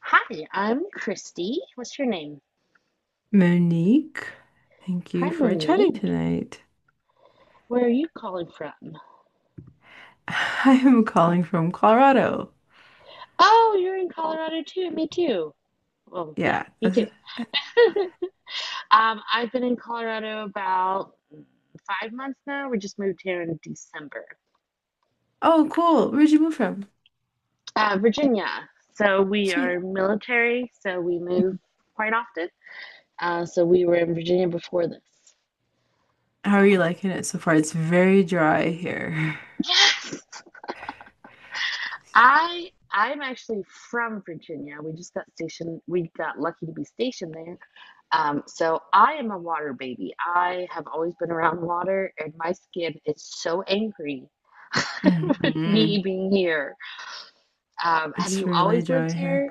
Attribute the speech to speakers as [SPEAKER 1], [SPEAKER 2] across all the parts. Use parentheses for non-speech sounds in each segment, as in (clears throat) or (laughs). [SPEAKER 1] Hi, I'm Christy. What's your name?
[SPEAKER 2] Monique, thank
[SPEAKER 1] Hi,
[SPEAKER 2] you for chatting
[SPEAKER 1] Monique.
[SPEAKER 2] tonight.
[SPEAKER 1] Where are you calling from?
[SPEAKER 2] (laughs) I am calling from Colorado.
[SPEAKER 1] Oh, you're in Colorado too. Me too. Well, yeah,
[SPEAKER 2] Yeah.
[SPEAKER 1] me too. (laughs) I've been in Colorado about 5 months now. We just moved here in December.
[SPEAKER 2] Oh, cool. Where'd you move from?
[SPEAKER 1] Virginia. So we
[SPEAKER 2] Sweet.
[SPEAKER 1] are military, so we move quite often. So we were in Virginia before this.
[SPEAKER 2] How are you
[SPEAKER 1] So
[SPEAKER 2] liking it so far? It's very dry here.
[SPEAKER 1] yes, I'm actually from Virginia. We just got stationed. We got lucky to be stationed there. So I am a water baby. I have always been around water, and my skin is so angry (laughs)
[SPEAKER 2] (laughs)
[SPEAKER 1] with
[SPEAKER 2] hmm
[SPEAKER 1] me being here. Have
[SPEAKER 2] It's
[SPEAKER 1] you
[SPEAKER 2] really
[SPEAKER 1] always
[SPEAKER 2] dry
[SPEAKER 1] lived
[SPEAKER 2] here.
[SPEAKER 1] here?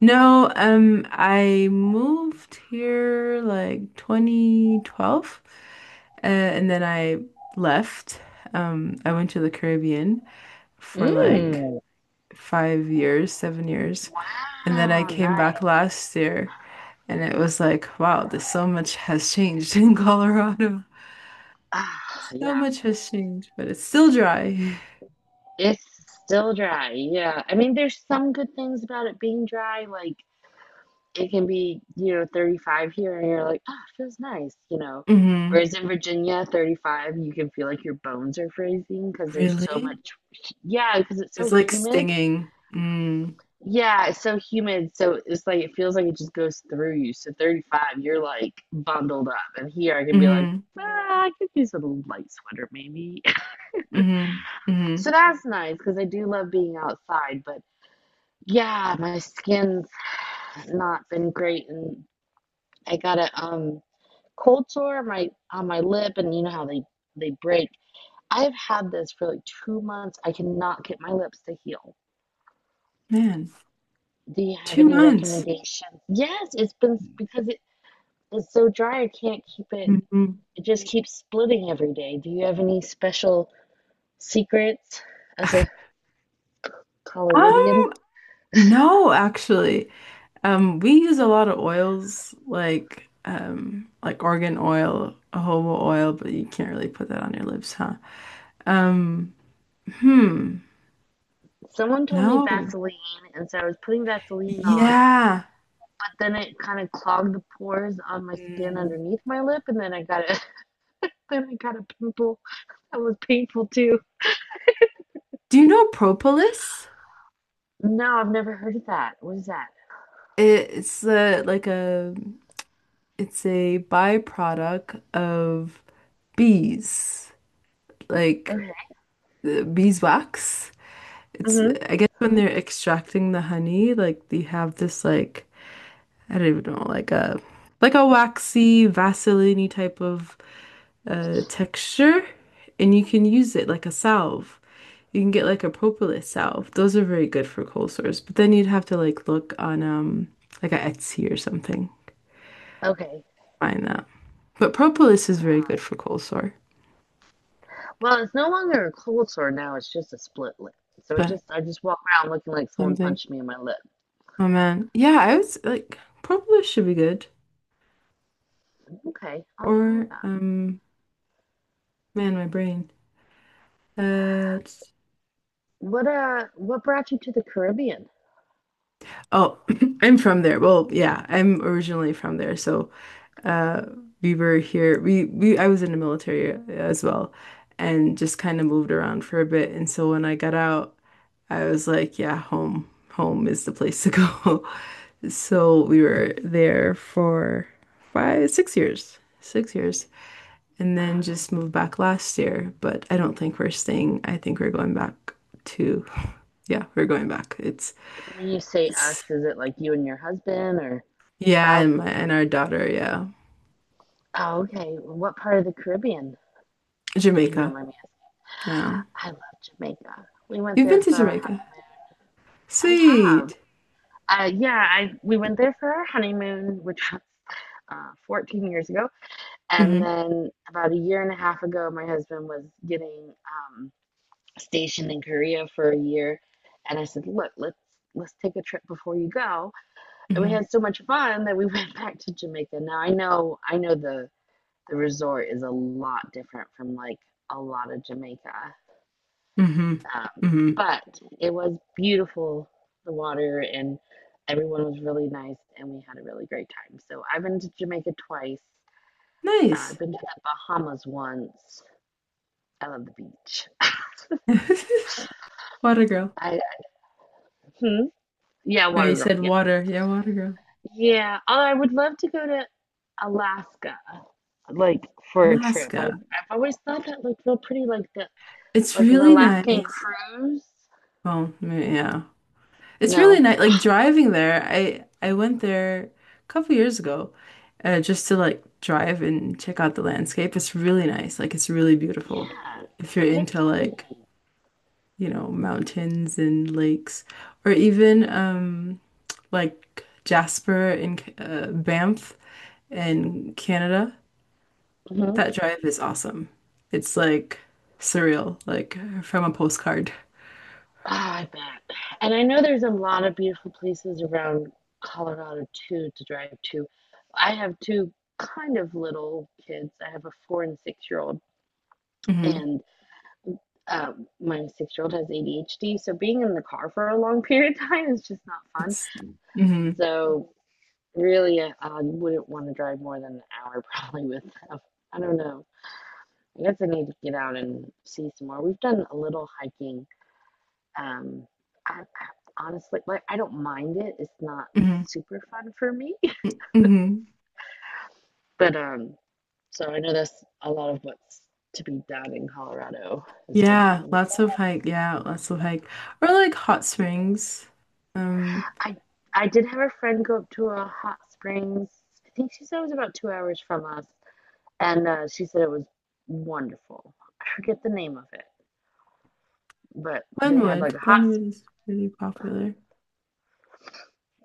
[SPEAKER 2] No, I moved here like 2012, and then I left. I went to the Caribbean for like
[SPEAKER 1] Mm,
[SPEAKER 2] 5 years, 7 years. And then I
[SPEAKER 1] wow,
[SPEAKER 2] came
[SPEAKER 1] nice.
[SPEAKER 2] back last year and it was like, wow, this so much has changed (laughs) in Colorado.
[SPEAKER 1] Ah,
[SPEAKER 2] So
[SPEAKER 1] yeah,
[SPEAKER 2] much has changed, but it's still dry.
[SPEAKER 1] it's still dry. Yeah, I mean, there's some good things about it being dry, like it can be, 35 here and you're like, it feels nice.
[SPEAKER 2] Hmm
[SPEAKER 1] Whereas in Virginia, 35, you can feel like your bones are freezing because there's so much,
[SPEAKER 2] Really?
[SPEAKER 1] yeah, because it's so
[SPEAKER 2] It's like
[SPEAKER 1] humid.
[SPEAKER 2] stinging. Mm.
[SPEAKER 1] Yeah, it's so humid. So it's like, it feels like it just goes through you. So 35, you're like bundled up. And here I can be like,
[SPEAKER 2] hmm
[SPEAKER 1] ah, I could use a little light sweater maybe. (laughs)
[SPEAKER 2] hmm hmm
[SPEAKER 1] So that's nice because I do love being outside. But yeah, my skin's not been great. And I gotta, cold sore on my lip, and you know how they break. I've had this for like 2 months. I cannot get my lips to heal.
[SPEAKER 2] Man,
[SPEAKER 1] Do you have
[SPEAKER 2] two
[SPEAKER 1] any
[SPEAKER 2] months.
[SPEAKER 1] recommendations? Yes, it's been, because it is so dry, I can't keep it,
[SPEAKER 2] Hmm
[SPEAKER 1] it just keeps splitting every day. Do you have any special secrets as a coloridian?
[SPEAKER 2] Um, no, actually. We use a lot of oils like organ oil, jojoba oil, but you can't really put that on your lips, huh? Um, hmm.
[SPEAKER 1] Someone told me
[SPEAKER 2] No.
[SPEAKER 1] vaseline, and so I was putting vaseline on,
[SPEAKER 2] Yeah.
[SPEAKER 1] but then it kind of clogged the pores on my skin
[SPEAKER 2] Mm.
[SPEAKER 1] underneath my lip, and then I got a (laughs) then I got a pimple that was painful too.
[SPEAKER 2] Do you know propolis?
[SPEAKER 1] No, I've never heard of that. What is that?
[SPEAKER 2] It's like a it's a byproduct of bees, like
[SPEAKER 1] Okay.
[SPEAKER 2] the beeswax. It's
[SPEAKER 1] Hmm.
[SPEAKER 2] I guess when they're extracting the honey, like they have this like I don't even know, like a waxy, vaseline type of texture, and you can use it like a salve. You can get like a propolis salve. Those are very good for cold sores. But then you'd have to like look on like a Etsy or something.
[SPEAKER 1] Okay.
[SPEAKER 2] Find that. But propolis is very good for cold sore.
[SPEAKER 1] Well, it's no longer a cold sore now. It's just a split lip. So it
[SPEAKER 2] But
[SPEAKER 1] just I just walk around looking like someone
[SPEAKER 2] something.
[SPEAKER 1] punched me in my lip.
[SPEAKER 2] Oh man. Yeah, I was like propolis should be good.
[SPEAKER 1] Okay, I'll try
[SPEAKER 2] Or
[SPEAKER 1] that.
[SPEAKER 2] man, my brain. Uh
[SPEAKER 1] What brought you to the Caribbean?
[SPEAKER 2] oh, (clears throat) I'm from there. Well, yeah, I'm originally from there, so uh we were here we I was in the military as well, and just kind of moved around for a bit, and so when I got out I was like, yeah, home is the place to go. (laughs) So we were there for five six years 6 years, and then
[SPEAKER 1] Oh, nice.
[SPEAKER 2] just moved back last year. But I don't think we're staying. I think we're going back to (laughs) yeah, we're going back. it's
[SPEAKER 1] When you say us,
[SPEAKER 2] it's
[SPEAKER 1] is it like you and your husband or
[SPEAKER 2] yeah,
[SPEAKER 1] spouse?
[SPEAKER 2] and my and our daughter. Yeah,
[SPEAKER 1] Oh, okay. What part of the Caribbean, if you don't
[SPEAKER 2] Jamaica.
[SPEAKER 1] mind me asking?
[SPEAKER 2] Yeah,
[SPEAKER 1] I love Jamaica. We went
[SPEAKER 2] you've been
[SPEAKER 1] there
[SPEAKER 2] to
[SPEAKER 1] for our
[SPEAKER 2] Jamaica.
[SPEAKER 1] honeymoon. I have.
[SPEAKER 2] Sweet.
[SPEAKER 1] Yeah, I we went there for our honeymoon, which was 14 years ago, and
[SPEAKER 2] Mm-hmm.
[SPEAKER 1] then about a year and a half ago, my husband was getting stationed in Korea for a year, and I said, "Look, let's take a trip before you go." And we
[SPEAKER 2] Mm-hmm.
[SPEAKER 1] had so much fun that we (laughs) went back to Jamaica. Now I know the resort is a lot different from like a lot of Jamaica,
[SPEAKER 2] Mm-hmm.
[SPEAKER 1] um,
[SPEAKER 2] Mm-hmm.
[SPEAKER 1] but it was beautiful, the water, and everyone was really nice, and we had a really great time. So I've been to Jamaica twice. I've
[SPEAKER 2] Nice.
[SPEAKER 1] been to the Bahamas once. I love the beach.
[SPEAKER 2] (laughs) Water girl.
[SPEAKER 1] I, hmm? Yeah,
[SPEAKER 2] No,
[SPEAKER 1] water
[SPEAKER 2] you
[SPEAKER 1] girl.
[SPEAKER 2] said
[SPEAKER 1] Yeah,
[SPEAKER 2] water. Yeah, water girl.
[SPEAKER 1] yeah. Although I would love to go to Alaska, like for a trip. I've
[SPEAKER 2] Alaska.
[SPEAKER 1] always thought that looked real pretty, like the
[SPEAKER 2] It's
[SPEAKER 1] like an
[SPEAKER 2] really
[SPEAKER 1] Alaskan
[SPEAKER 2] nice.
[SPEAKER 1] cruise.
[SPEAKER 2] Well, mm, yeah. It's really
[SPEAKER 1] No,
[SPEAKER 2] nice. Like driving there, I went there a couple years ago, just to like drive and check out the landscape. It's really nice. Like it's really beautiful.
[SPEAKER 1] yeah,
[SPEAKER 2] If you're
[SPEAKER 1] it
[SPEAKER 2] into
[SPEAKER 1] looks
[SPEAKER 2] like
[SPEAKER 1] pretty.
[SPEAKER 2] mountains and lakes, or even like Jasper in Banff in Canada.
[SPEAKER 1] Mm-hmm.
[SPEAKER 2] That drive is awesome. It's like surreal, like from a postcard.
[SPEAKER 1] Ah, I bet. And I know there's a lot of beautiful places around Colorado too to drive to. I have two kind of little kids. I have a 4 and 6 year old,
[SPEAKER 2] Hmm
[SPEAKER 1] and my 6 year old has ADHD. So being in the car for a long (laughs) period of time is just not fun.
[SPEAKER 2] It's hmm
[SPEAKER 1] So really, I wouldn't want to drive more than an hour (laughs) probably with them. I don't know. I guess I need to get out and see some more. We've done a little hiking. Um, I honestly, I don't mind it. It's not
[SPEAKER 2] hmm
[SPEAKER 1] super fun for me, (laughs)
[SPEAKER 2] hmm
[SPEAKER 1] but so I know that's a lot of what's to be done in Colorado is
[SPEAKER 2] Yeah,
[SPEAKER 1] hiking.
[SPEAKER 2] lots of hike. Yeah, lots of hike. Or like hot springs. Um,
[SPEAKER 1] I I did have a friend go up to a hot springs. I think she said it was about 2 hours from us, and she said it was wonderful. I forget the name of it, but they had like
[SPEAKER 2] Glenwood.
[SPEAKER 1] a hot,
[SPEAKER 2] Glenwood is pretty popular.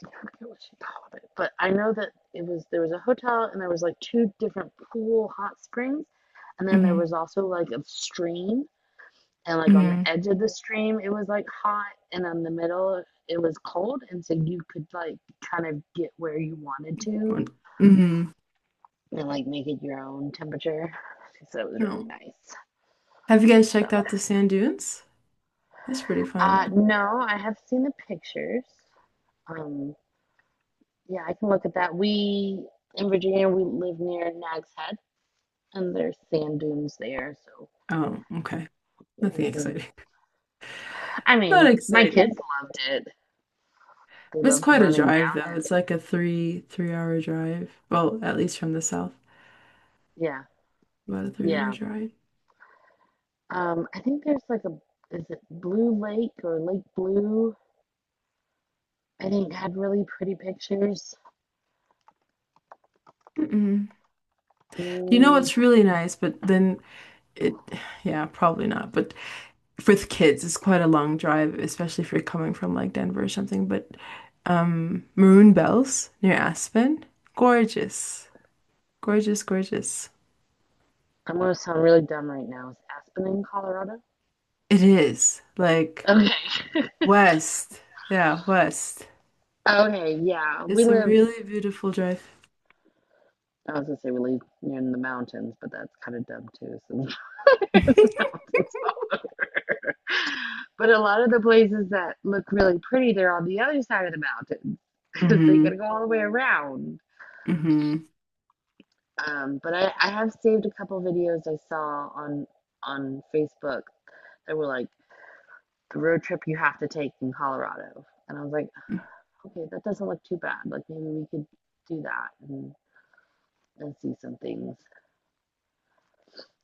[SPEAKER 1] I forget what she called it, but I know that it was there was a hotel and there was like two different pool hot springs, and then there
[SPEAKER 2] Hmm
[SPEAKER 1] was also like a stream, and like on the
[SPEAKER 2] hmm
[SPEAKER 1] edge of the stream it was like hot, and on the middle it was cold, and so you could like kind of get where you wanted to,
[SPEAKER 2] hmm
[SPEAKER 1] and like make it your own temperature. So it was really
[SPEAKER 2] No.
[SPEAKER 1] nice.
[SPEAKER 2] Have you guys checked out the
[SPEAKER 1] So
[SPEAKER 2] sand dunes? That's pretty fun.
[SPEAKER 1] uh, no, I have seen the pictures. Um, yeah, I can look at that. We In Virginia we live near Nags Head, and there's sand dunes there. So
[SPEAKER 2] Oh, okay.
[SPEAKER 1] we've
[SPEAKER 2] Nothing
[SPEAKER 1] seen.
[SPEAKER 2] exciting.
[SPEAKER 1] I
[SPEAKER 2] (laughs) Not
[SPEAKER 1] mean, my kids
[SPEAKER 2] exciting.
[SPEAKER 1] loved it. They
[SPEAKER 2] It's
[SPEAKER 1] loved
[SPEAKER 2] quite a
[SPEAKER 1] running down.
[SPEAKER 2] drive though. It's like a three hour drive. Well, at least from the south,
[SPEAKER 1] Yeah,
[SPEAKER 2] about a 3 hour
[SPEAKER 1] yeah.
[SPEAKER 2] drive.
[SPEAKER 1] I think there's like a, is it Blue Lake or Lake Blue? I think had really pretty pictures.
[SPEAKER 2] Mm-mm. You know
[SPEAKER 1] Mm,
[SPEAKER 2] what's really nice, but then it, (sighs) yeah, probably not. But for the kids, it's quite a long drive, especially if you're coming from like Denver or something. But Maroon Bells near Aspen, gorgeous, gorgeous, gorgeous.
[SPEAKER 1] I'm gonna sound really dumb right now. Is Aspen in Colorado?
[SPEAKER 2] It is like.
[SPEAKER 1] Okay. (laughs)
[SPEAKER 2] West. Yeah, west.
[SPEAKER 1] Okay, yeah.
[SPEAKER 2] It's a really beautiful drive.
[SPEAKER 1] I was gonna say we live near the mountains, but that's kind of dumb too, since (laughs) there's mountains. (laughs) But a lot of the places that look really pretty, they're on the other side of the mountain.
[SPEAKER 2] (laughs)
[SPEAKER 1] (laughs) So you
[SPEAKER 2] hmm
[SPEAKER 1] gotta go all the way around.
[SPEAKER 2] hmm
[SPEAKER 1] But I have saved a couple videos I saw on Facebook that were like the road trip you have to take in Colorado. And I was like, okay, that doesn't look too bad. Like maybe we could do that and see some things.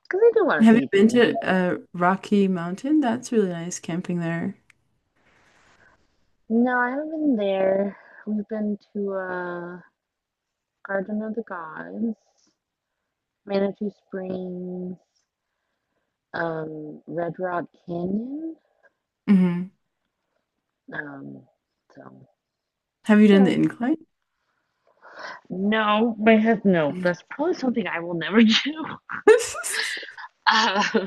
[SPEAKER 1] Because I do want to
[SPEAKER 2] Have you
[SPEAKER 1] see
[SPEAKER 2] been
[SPEAKER 1] things.
[SPEAKER 2] to Rocky Mountain? That's really nice camping there.
[SPEAKER 1] No, I haven't been there. We've been to Garden of the Gods. Manitou Springs, Red Rock Canyon.
[SPEAKER 2] Hmm
[SPEAKER 1] Um, so,
[SPEAKER 2] Have you
[SPEAKER 1] you
[SPEAKER 2] done the
[SPEAKER 1] know.
[SPEAKER 2] incline?
[SPEAKER 1] No, my head, no.
[SPEAKER 2] Mm.
[SPEAKER 1] That's probably something I will never do.
[SPEAKER 2] (laughs)
[SPEAKER 1] Uh, (laughs)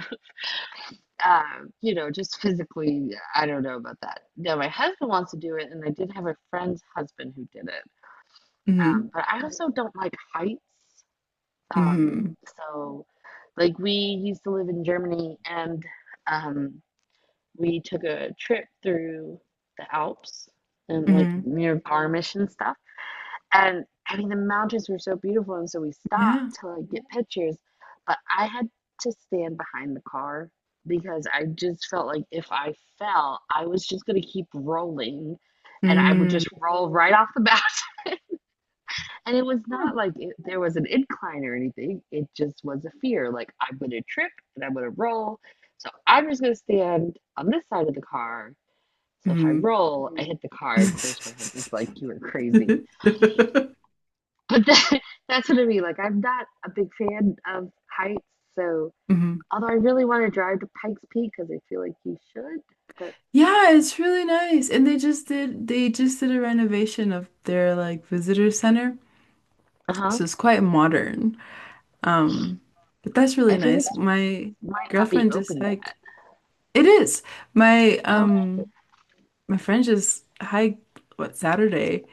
[SPEAKER 1] uh, you know, just physically, I don't know about that. No, my husband wants to do it, and I did have a friend's husband who did it.
[SPEAKER 2] Mm-hmm.
[SPEAKER 1] But I also don't like heights.
[SPEAKER 2] hmm
[SPEAKER 1] So, like, we used to live in Germany, and um, we took a trip through the Alps and like
[SPEAKER 2] hmm
[SPEAKER 1] near Garmisch and stuff. And I mean, the mountains were so beautiful, and so we
[SPEAKER 2] Yeah.
[SPEAKER 1] stopped to like get pictures. But I had to stand behind the car because I just felt like if I fell, I was just gonna keep rolling, and I would
[SPEAKER 2] Mm.
[SPEAKER 1] just roll right off the bat. (laughs) And it was
[SPEAKER 2] Huh.
[SPEAKER 1] not like there was an incline or anything. It just was a fear, like I'm gonna trip and I'm gonna roll. So I'm just gonna stand on this side of the car so if I
[SPEAKER 2] Mm.
[SPEAKER 1] roll, I, mm, hit the card. Of course, my husband's like, "You are
[SPEAKER 2] (laughs)
[SPEAKER 1] crazy," but (laughs) that's what I mean. Like, I'm not a big fan of heights, so,
[SPEAKER 2] hmm
[SPEAKER 1] although I really want to drive to Pikes Peak because I feel like you should, but
[SPEAKER 2] Yeah, it's really nice. And they just did a renovation of their like visitor center.
[SPEAKER 1] uh huh,
[SPEAKER 2] So it's quite modern. Um, but that's really
[SPEAKER 1] I figured
[SPEAKER 2] nice.
[SPEAKER 1] it
[SPEAKER 2] My
[SPEAKER 1] might not be
[SPEAKER 2] girlfriend just
[SPEAKER 1] open
[SPEAKER 2] hiked.
[SPEAKER 1] yet.
[SPEAKER 2] It is. My
[SPEAKER 1] Oh
[SPEAKER 2] my friend just hiked what Saturday,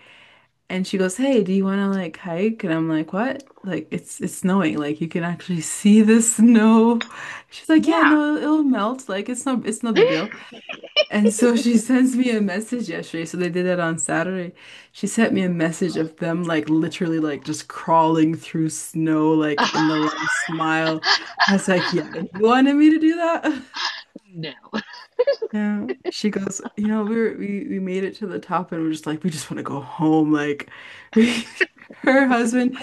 [SPEAKER 2] and she goes, "Hey, do you want to like hike?" And I'm like, "What?" Like it's snowing. Like you can actually (laughs) see the snow. She's like, "Yeah,
[SPEAKER 1] yeah.
[SPEAKER 2] no, it'll melt. Like it's no big deal."
[SPEAKER 1] (laughs)
[SPEAKER 2] And so she (laughs) sends me a message yesterday. So they did it on Saturday. She sent me a message of them like literally like just crawling through snow like
[SPEAKER 1] Oh,
[SPEAKER 2] in the last mile. I was like, yeah, and you wanted me to do that? (laughs)
[SPEAKER 1] no.
[SPEAKER 2] Yeah. She goes, you know, we were, we made it to the top, and we're just like, we just want to go home. Like (laughs) her husband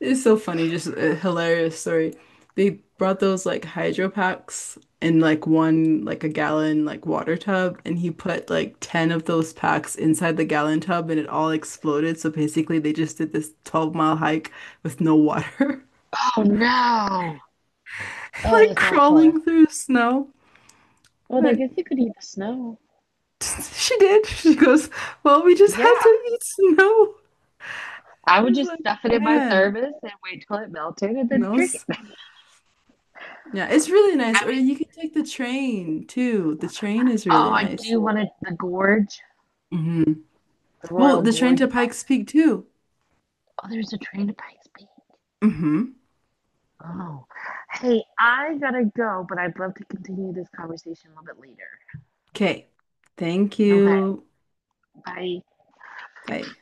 [SPEAKER 2] is so funny, just a hilarious story. They brought those like hydro packs in like one like a gallon like water tub, and he put like 10 of those packs inside the gallon tub, and it all exploded. So basically they just did this 12-mile hike with no water,
[SPEAKER 1] Oh no.
[SPEAKER 2] (laughs)
[SPEAKER 1] Oh,
[SPEAKER 2] like
[SPEAKER 1] that's awful.
[SPEAKER 2] crawling through snow.
[SPEAKER 1] Well, I
[SPEAKER 2] But
[SPEAKER 1] guess you could eat the snow.
[SPEAKER 2] (laughs) she did. She goes, well, we just had
[SPEAKER 1] Yeah,
[SPEAKER 2] to eat snow.
[SPEAKER 1] I
[SPEAKER 2] I
[SPEAKER 1] would
[SPEAKER 2] was
[SPEAKER 1] just
[SPEAKER 2] like,
[SPEAKER 1] stuff it in my
[SPEAKER 2] man,
[SPEAKER 1] thermos and wait till it melted and then
[SPEAKER 2] no.
[SPEAKER 1] drink it. (laughs) I mean,
[SPEAKER 2] Yeah, it's really nice. Or you can take the train too. The train is really
[SPEAKER 1] oh, I
[SPEAKER 2] nice.
[SPEAKER 1] do want to, the gorge.
[SPEAKER 2] Hmm
[SPEAKER 1] The
[SPEAKER 2] Well,
[SPEAKER 1] Royal
[SPEAKER 2] the train
[SPEAKER 1] Gorge.
[SPEAKER 2] to
[SPEAKER 1] I,
[SPEAKER 2] Pikes Peak too.
[SPEAKER 1] oh, there's a train to Pikes Peak.
[SPEAKER 2] Hmm
[SPEAKER 1] Oh, hey, I gotta go, but I'd love to continue this conversation a little bit later.
[SPEAKER 2] Okay. Thank
[SPEAKER 1] Okay,
[SPEAKER 2] you.
[SPEAKER 1] bye.
[SPEAKER 2] Bye.